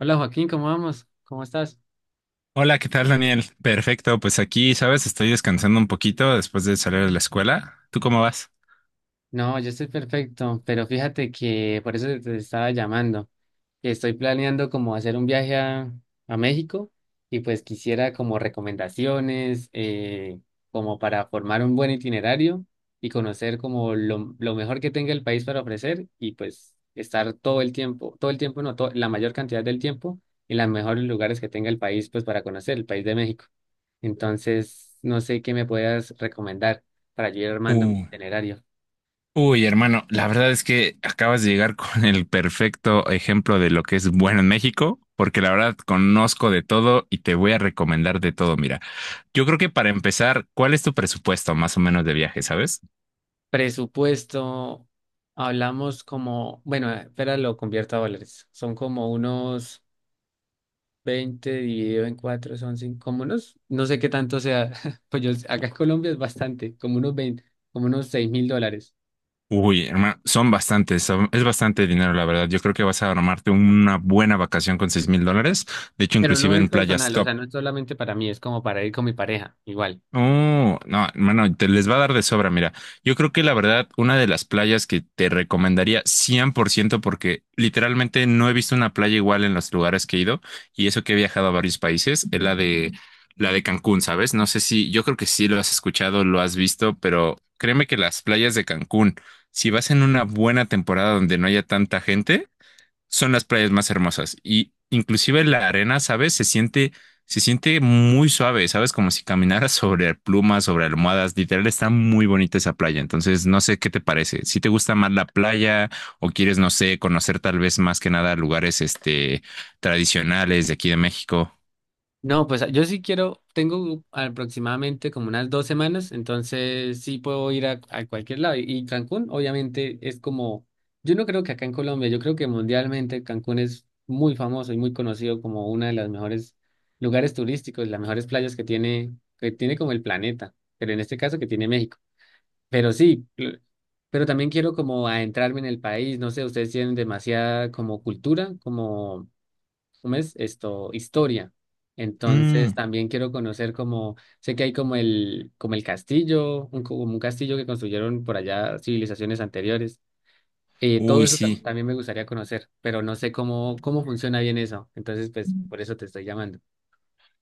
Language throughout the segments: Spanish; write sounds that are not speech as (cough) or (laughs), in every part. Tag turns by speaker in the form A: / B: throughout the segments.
A: Hola Joaquín, ¿cómo vamos? ¿Cómo estás?
B: Hola, ¿qué tal, Daniel? Perfecto, pues aquí, sabes, estoy descansando un poquito después de salir de la escuela. ¿Tú cómo vas?
A: No, yo estoy perfecto, pero fíjate que por eso te estaba llamando, que estoy planeando como hacer un viaje a México y pues quisiera como recomendaciones, como para formar un buen itinerario y conocer como lo mejor que tenga el país para ofrecer y pues estar todo el tiempo, no, la mayor cantidad del tiempo en los mejores lugares que tenga el país pues para conocer el país de México. Entonces, no sé qué me puedas recomendar para yo ir armando mi
B: Uh,
A: itinerario.
B: uy, hermano, la verdad es que acabas de llegar (laughs) con el perfecto ejemplo de lo que es bueno en México, porque la verdad conozco de todo y te voy a recomendar de todo. Mira, yo creo que para empezar, ¿cuál es tu presupuesto más o menos de viaje, sabes?
A: Presupuesto, hablamos como, bueno, espera, lo convierto a dólares. Son como unos 20 dividido en 4 son cinco, como unos, no sé qué tanto sea, (laughs) pues yo, acá en Colombia es bastante, como unos 20 como unos $6,000.
B: Uy, hermano, son bastantes, es bastante dinero, la verdad. Yo creo que vas a armarte una buena vacación con $6,000. De hecho,
A: Pero no
B: inclusive
A: es
B: en playas
A: personal, o
B: top.
A: sea, no es solamente para mí, es como para ir con mi pareja, igual.
B: Oh, no, hermano, te les va a dar de sobra, mira. Yo creo que la verdad, una de las playas que te recomendaría 100% porque literalmente no he visto una playa igual en los lugares que he ido y eso que he viajado a varios países, es la de Cancún, ¿sabes? No sé si, yo creo que sí lo has escuchado, lo has visto, pero créeme que las playas de Cancún, si vas en una buena temporada donde no haya tanta gente, son las playas más hermosas. Y inclusive la arena, ¿sabes? Se siente muy suave, ¿sabes? Como si caminaras (laughs) sobre plumas, sobre almohadas. Literal, está muy bonita esa playa. Entonces, no sé qué te parece. Si te gusta más la playa o quieres, no sé, conocer tal vez más que nada lugares, tradicionales de aquí de México.
A: No, pues yo sí quiero, tengo aproximadamente como unas 2 semanas, entonces sí puedo ir a cualquier lado. Y Cancún, obviamente, es como, yo no creo que acá en Colombia, yo creo que mundialmente Cancún es muy famoso y muy conocido como una de las mejores lugares turísticos, las mejores playas que tiene como el planeta, pero en este caso que tiene México. Pero sí, pero también quiero como adentrarme en el país, no sé, ustedes tienen demasiada como cultura, como ¿cómo es esto? Historia. Entonces
B: Mm,
A: también quiero conocer como, sé que hay como el castillo, como un castillo que construyeron por allá civilizaciones anteriores. Todo
B: uy,
A: eso
B: sí.
A: también me gustaría conocer, pero no sé cómo funciona bien eso. Entonces, pues por eso te estoy llamando.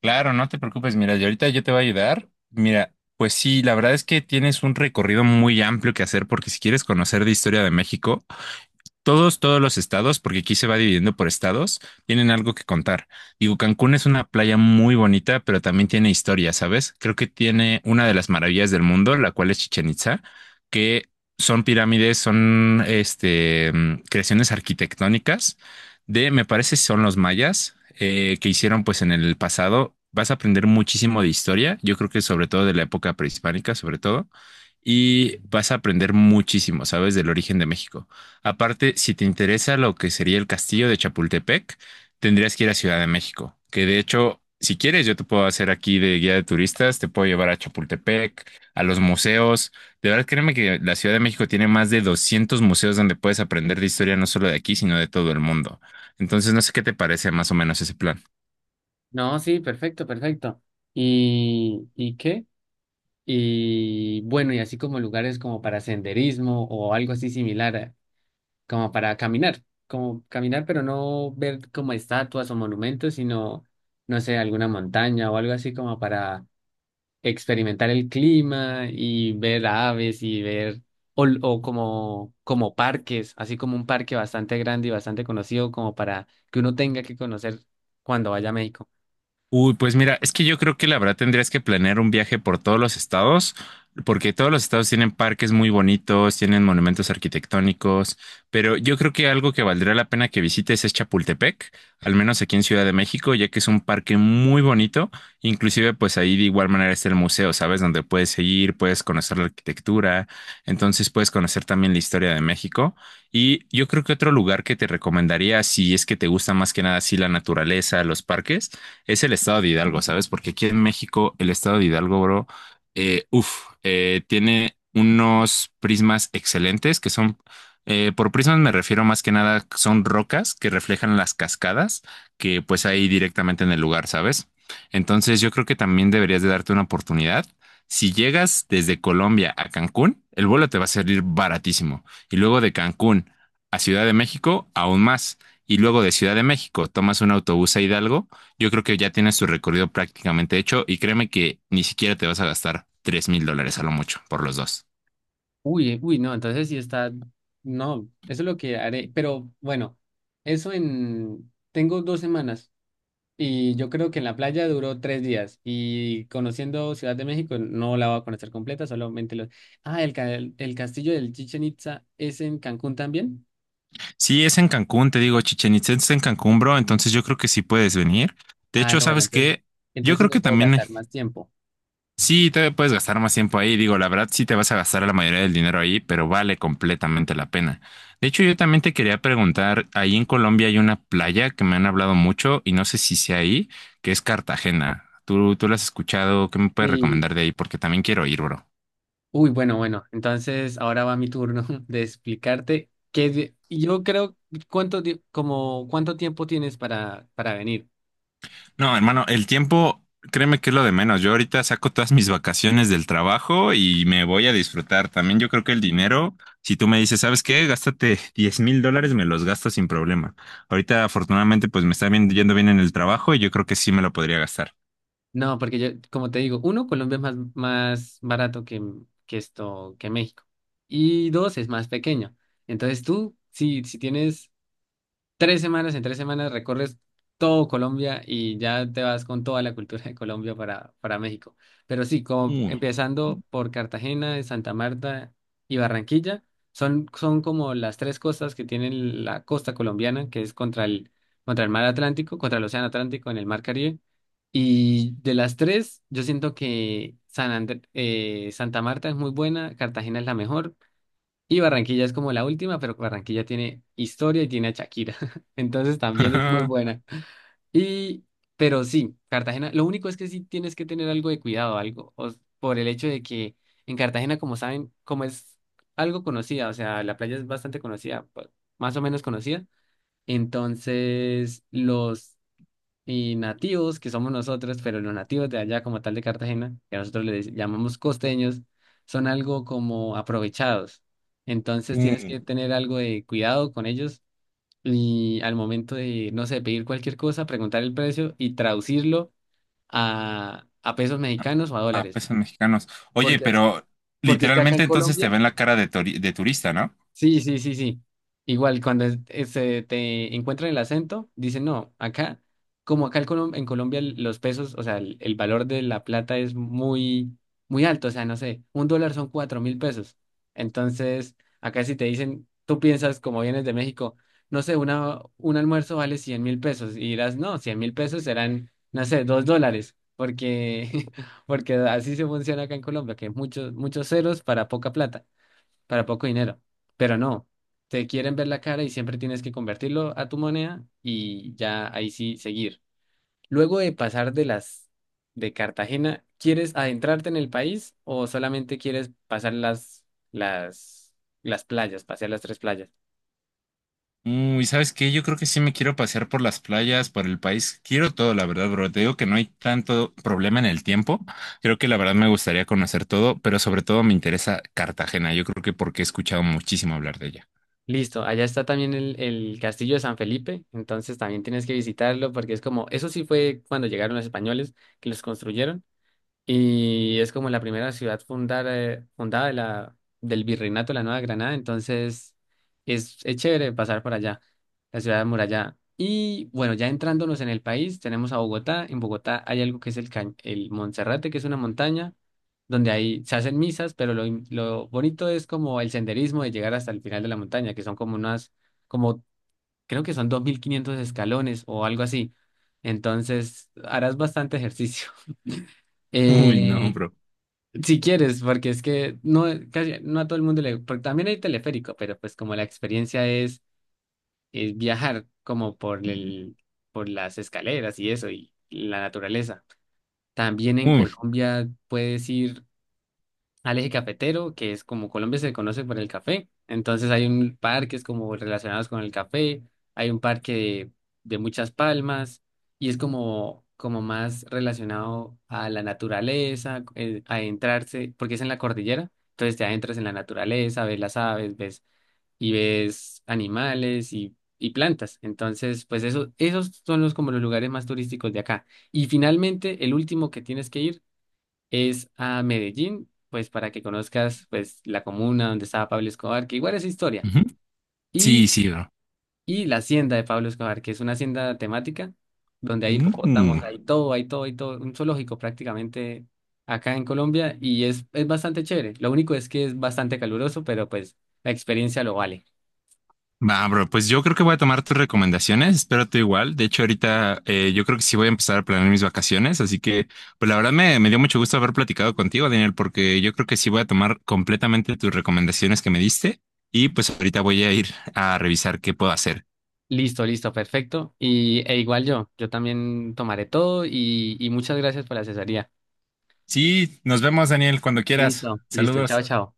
B: Claro, no te preocupes. Mira, yo ahorita yo te voy a ayudar. Mira, pues sí, la verdad es que tienes un recorrido muy amplio que hacer porque si quieres conocer de historia de México, todos los estados, porque aquí se va dividiendo por estados, tienen algo que contar. Digo, Cancún es una playa muy bonita, pero también tiene historia, ¿sabes? Creo que tiene una de las maravillas del mundo, la cual es Chichén Itzá, que son pirámides, son creaciones arquitectónicas de, me parece, son los mayas que hicieron pues en el pasado. Vas a aprender muchísimo de historia, yo creo que sobre todo de la época prehispánica, sobre todo, y vas a aprender muchísimo, ¿sabes? Del origen de México. Aparte, si te interesa lo que sería el castillo de Chapultepec, tendrías que ir a Ciudad de México, que de hecho, si quieres, yo te puedo hacer aquí de guía de turistas, te puedo llevar a Chapultepec, a los museos. De verdad, créeme que la Ciudad de México tiene más de 200 museos donde puedes aprender de historia no solo de aquí, sino de todo el mundo. Entonces, no sé qué te parece más o menos ese plan.
A: No, sí, perfecto, perfecto. ¿Y qué? Y bueno, y así como lugares como para senderismo o algo así similar. Como para caminar, como caminar, pero no ver como estatuas o monumentos, sino, no sé, alguna montaña o algo así como para experimentar el clima y ver aves y ver, o como parques, así como un parque bastante grande y bastante conocido, como para que uno tenga que conocer cuando vaya a México.
B: Uy, pues mira, es que yo creo que la verdad tendrías que planear un viaje por todos los estados, porque todos los estados tienen parques muy bonitos, tienen monumentos arquitectónicos, pero yo creo que algo que valdría la pena que visites es Chapultepec, al menos aquí en Ciudad de México, ya que es un parque muy bonito, inclusive pues ahí de igual manera está el museo, ¿sabes? Donde puedes ir, puedes conocer la arquitectura, entonces puedes conocer también la historia de México. Y yo creo que otro lugar que te recomendaría, si es que te gusta más que nada así la naturaleza, los parques, es el estado de Hidalgo, ¿sabes? Porque aquí en México, el estado de Hidalgo, bro, tiene unos prismas excelentes que son, por prismas me refiero más que nada, son rocas que reflejan las cascadas que pues hay directamente en el lugar, ¿sabes? Entonces yo creo que también deberías de darte una oportunidad. Si llegas desde Colombia a Cancún, el vuelo te va a salir baratísimo. Y luego de Cancún a Ciudad de México, aún más. Y luego de Ciudad de México tomas un autobús a Hidalgo, yo creo que ya tienes tu recorrido prácticamente hecho y créeme que ni siquiera te vas a gastar $3,000 a lo mucho por los dos.
A: Uy, uy, no, entonces sí está, no, eso es lo que haré, pero bueno, tengo 2 semanas. Y yo creo que en la playa duró 3 días y conociendo Ciudad de México no la voy a conocer completa, solamente los. Ah, el castillo del Chichen Itza es en Cancún también.
B: Sí, es en Cancún, te digo, Chichen Itzá es en Cancún, bro. Entonces yo creo que sí puedes venir. De
A: Ah,
B: hecho,
A: no, bueno,
B: ¿sabes
A: entonces,
B: qué? Yo
A: entonces sí
B: creo
A: me
B: que
A: puedo
B: también
A: gastar más tiempo.
B: sí, te puedes gastar más tiempo ahí. Digo, la verdad, sí te vas a gastar la mayoría del dinero ahí, pero vale completamente la pena. De hecho, yo también te quería preguntar, ahí en Colombia hay una playa que me han hablado mucho y no sé si sea ahí, que es Cartagena. ¿Tú la has escuchado? ¿Qué me puedes
A: Sí.
B: recomendar de ahí? Porque también quiero ir, bro.
A: Uy, bueno, bueno, entonces ahora va mi turno (laughs) de explicarte qué. Yo creo, ¿cuánto tiempo tienes para venir?
B: No, hermano, el tiempo, créeme que es lo de menos. Yo ahorita saco todas mis vacaciones del trabajo y me voy a disfrutar. También yo creo que el dinero, si tú me dices, ¿sabes qué? Gástate $10,000, me los gasto sin problema. Ahorita, afortunadamente, pues me está yendo bien en el trabajo y yo creo que sí me lo podría gastar.
A: No, porque yo, como te digo, uno, Colombia es más barato que esto, que México. Y dos, es más pequeño. Entonces tú, si tienes tres semanas, en 3 semanas recorres todo Colombia y ya te vas con toda la cultura de Colombia para México. Pero sí, como
B: Uy.
A: empezando por Cartagena, Santa Marta y Barranquilla, son como las tres costas que tienen la costa colombiana, que es contra el mar Atlántico, contra el océano Atlántico en el mar Caribe. Y de las tres, yo siento que Santa Marta es muy buena, Cartagena es la mejor y Barranquilla es como la última, pero Barranquilla tiene historia y tiene a Shakira. (laughs) Entonces también es muy
B: (laughs)
A: buena. Y, pero sí, Cartagena, lo único es que sí tienes que tener algo de cuidado, algo, por el hecho de que en Cartagena, como saben, como es algo conocida, o sea, la playa es bastante conocida, pues, más o menos conocida. Entonces, los y nativos, que somos nosotros, pero los nativos de allá como tal de Cartagena, que nosotros les llamamos costeños, son algo como aprovechados. Entonces tienes que
B: Uy.
A: tener algo de cuidado con ellos y al momento de, no sé, pedir cualquier cosa, preguntar el precio y traducirlo a pesos mexicanos o a
B: Ah,
A: dólares.
B: pesos mexicanos. Oye,
A: Porque,
B: pero
A: porque es que acá en
B: literalmente entonces te
A: Colombia.
B: ven la cara de, de turista, ¿no?
A: Sí, sí, sí, sí. Igual, cuando te encuentran el acento, dicen, no, acá, como acá en Colombia los pesos, o sea, el valor de la plata es muy, muy alto, o sea, no sé, un dólar son 4,000 pesos. Entonces, acá si te dicen, tú piensas, como vienes de México, no sé, un almuerzo vale 100,000 pesos, y dirás, no, 100,000 pesos serán, no sé, $2, porque, (laughs) porque así se funciona acá en Colombia, que muchos, muchos ceros para poca plata para poco dinero. Pero no, te quieren ver la cara y siempre tienes que convertirlo a tu moneda y ya ahí sí seguir. Luego de pasar de Cartagena, ¿quieres adentrarte en el país o solamente quieres pasar las las playas, pasear las tres playas?
B: Uy, ¿sabes qué? Yo creo que sí me quiero pasear por las playas, por el país. Quiero todo, la verdad, bro. Te digo que no hay tanto problema en el tiempo. Creo que la verdad me gustaría conocer todo, pero sobre todo me interesa Cartagena. Yo creo que porque he escuchado muchísimo hablar de ella.
A: Listo, allá está también el castillo de San Felipe, entonces también tienes que visitarlo porque es como, eso sí fue cuando llegaron los españoles que los construyeron y es como la primera ciudad fundada del Virreinato de la Nueva Granada, entonces es chévere pasar por allá, la ciudad amurallada. Y bueno, ya entrándonos en el país, tenemos a Bogotá. En Bogotá hay algo que es el Monserrate, que es una montaña donde ahí se hacen misas, pero lo bonito es como el senderismo de llegar hasta el final de la montaña, que son como creo que son 2,500 escalones o algo así. Entonces, harás bastante ejercicio. (laughs)
B: Uy, no,
A: Eh,
B: bro.
A: si quieres, porque es que no, casi, no a todo el mundo le. Porque también hay teleférico, pero pues como la experiencia es viajar como por las escaleras y eso, y la naturaleza. También en
B: Uy.
A: Colombia puedes ir al eje cafetero, que es como Colombia se conoce por el café. Entonces hay un parques como relacionados con el café, hay un parque de muchas palmas y es como más relacionado a la naturaleza, a adentrarse, porque es en la cordillera, entonces te adentras en la naturaleza, ves las aves, ves y ves animales y plantas. Entonces, pues eso, esos son los como los lugares más turísticos de acá. Y finalmente, el último que tienes que ir es a Medellín, pues para que conozcas pues la comuna donde estaba Pablo Escobar, que igual es historia,
B: Ujú. Sí,
A: y,
B: sí, bro.
A: y la hacienda de Pablo Escobar, que es una hacienda temática donde hay hipopótamos,
B: Mm.
A: hay todo, hay todo, hay todo, un zoológico prácticamente acá en Colombia y es bastante chévere. Lo único es que es bastante caluroso, pero pues la experiencia lo vale.
B: Va, bro, pues yo creo que voy a tomar tus recomendaciones, espero tú igual. De hecho, ahorita yo creo que sí voy a empezar a planear mis vacaciones, así que, pues la verdad me dio mucho gusto haber platicado contigo, Daniel, porque yo creo que sí voy a tomar completamente tus recomendaciones que me diste y pues ahorita voy a ir a revisar qué puedo hacer.
A: Listo, listo, perfecto. E igual yo, yo también tomaré todo y muchas gracias por la asesoría.
B: Sí, nos vemos, Daniel, cuando quieras.
A: Listo, listo, chao,
B: Saludos.
A: chao.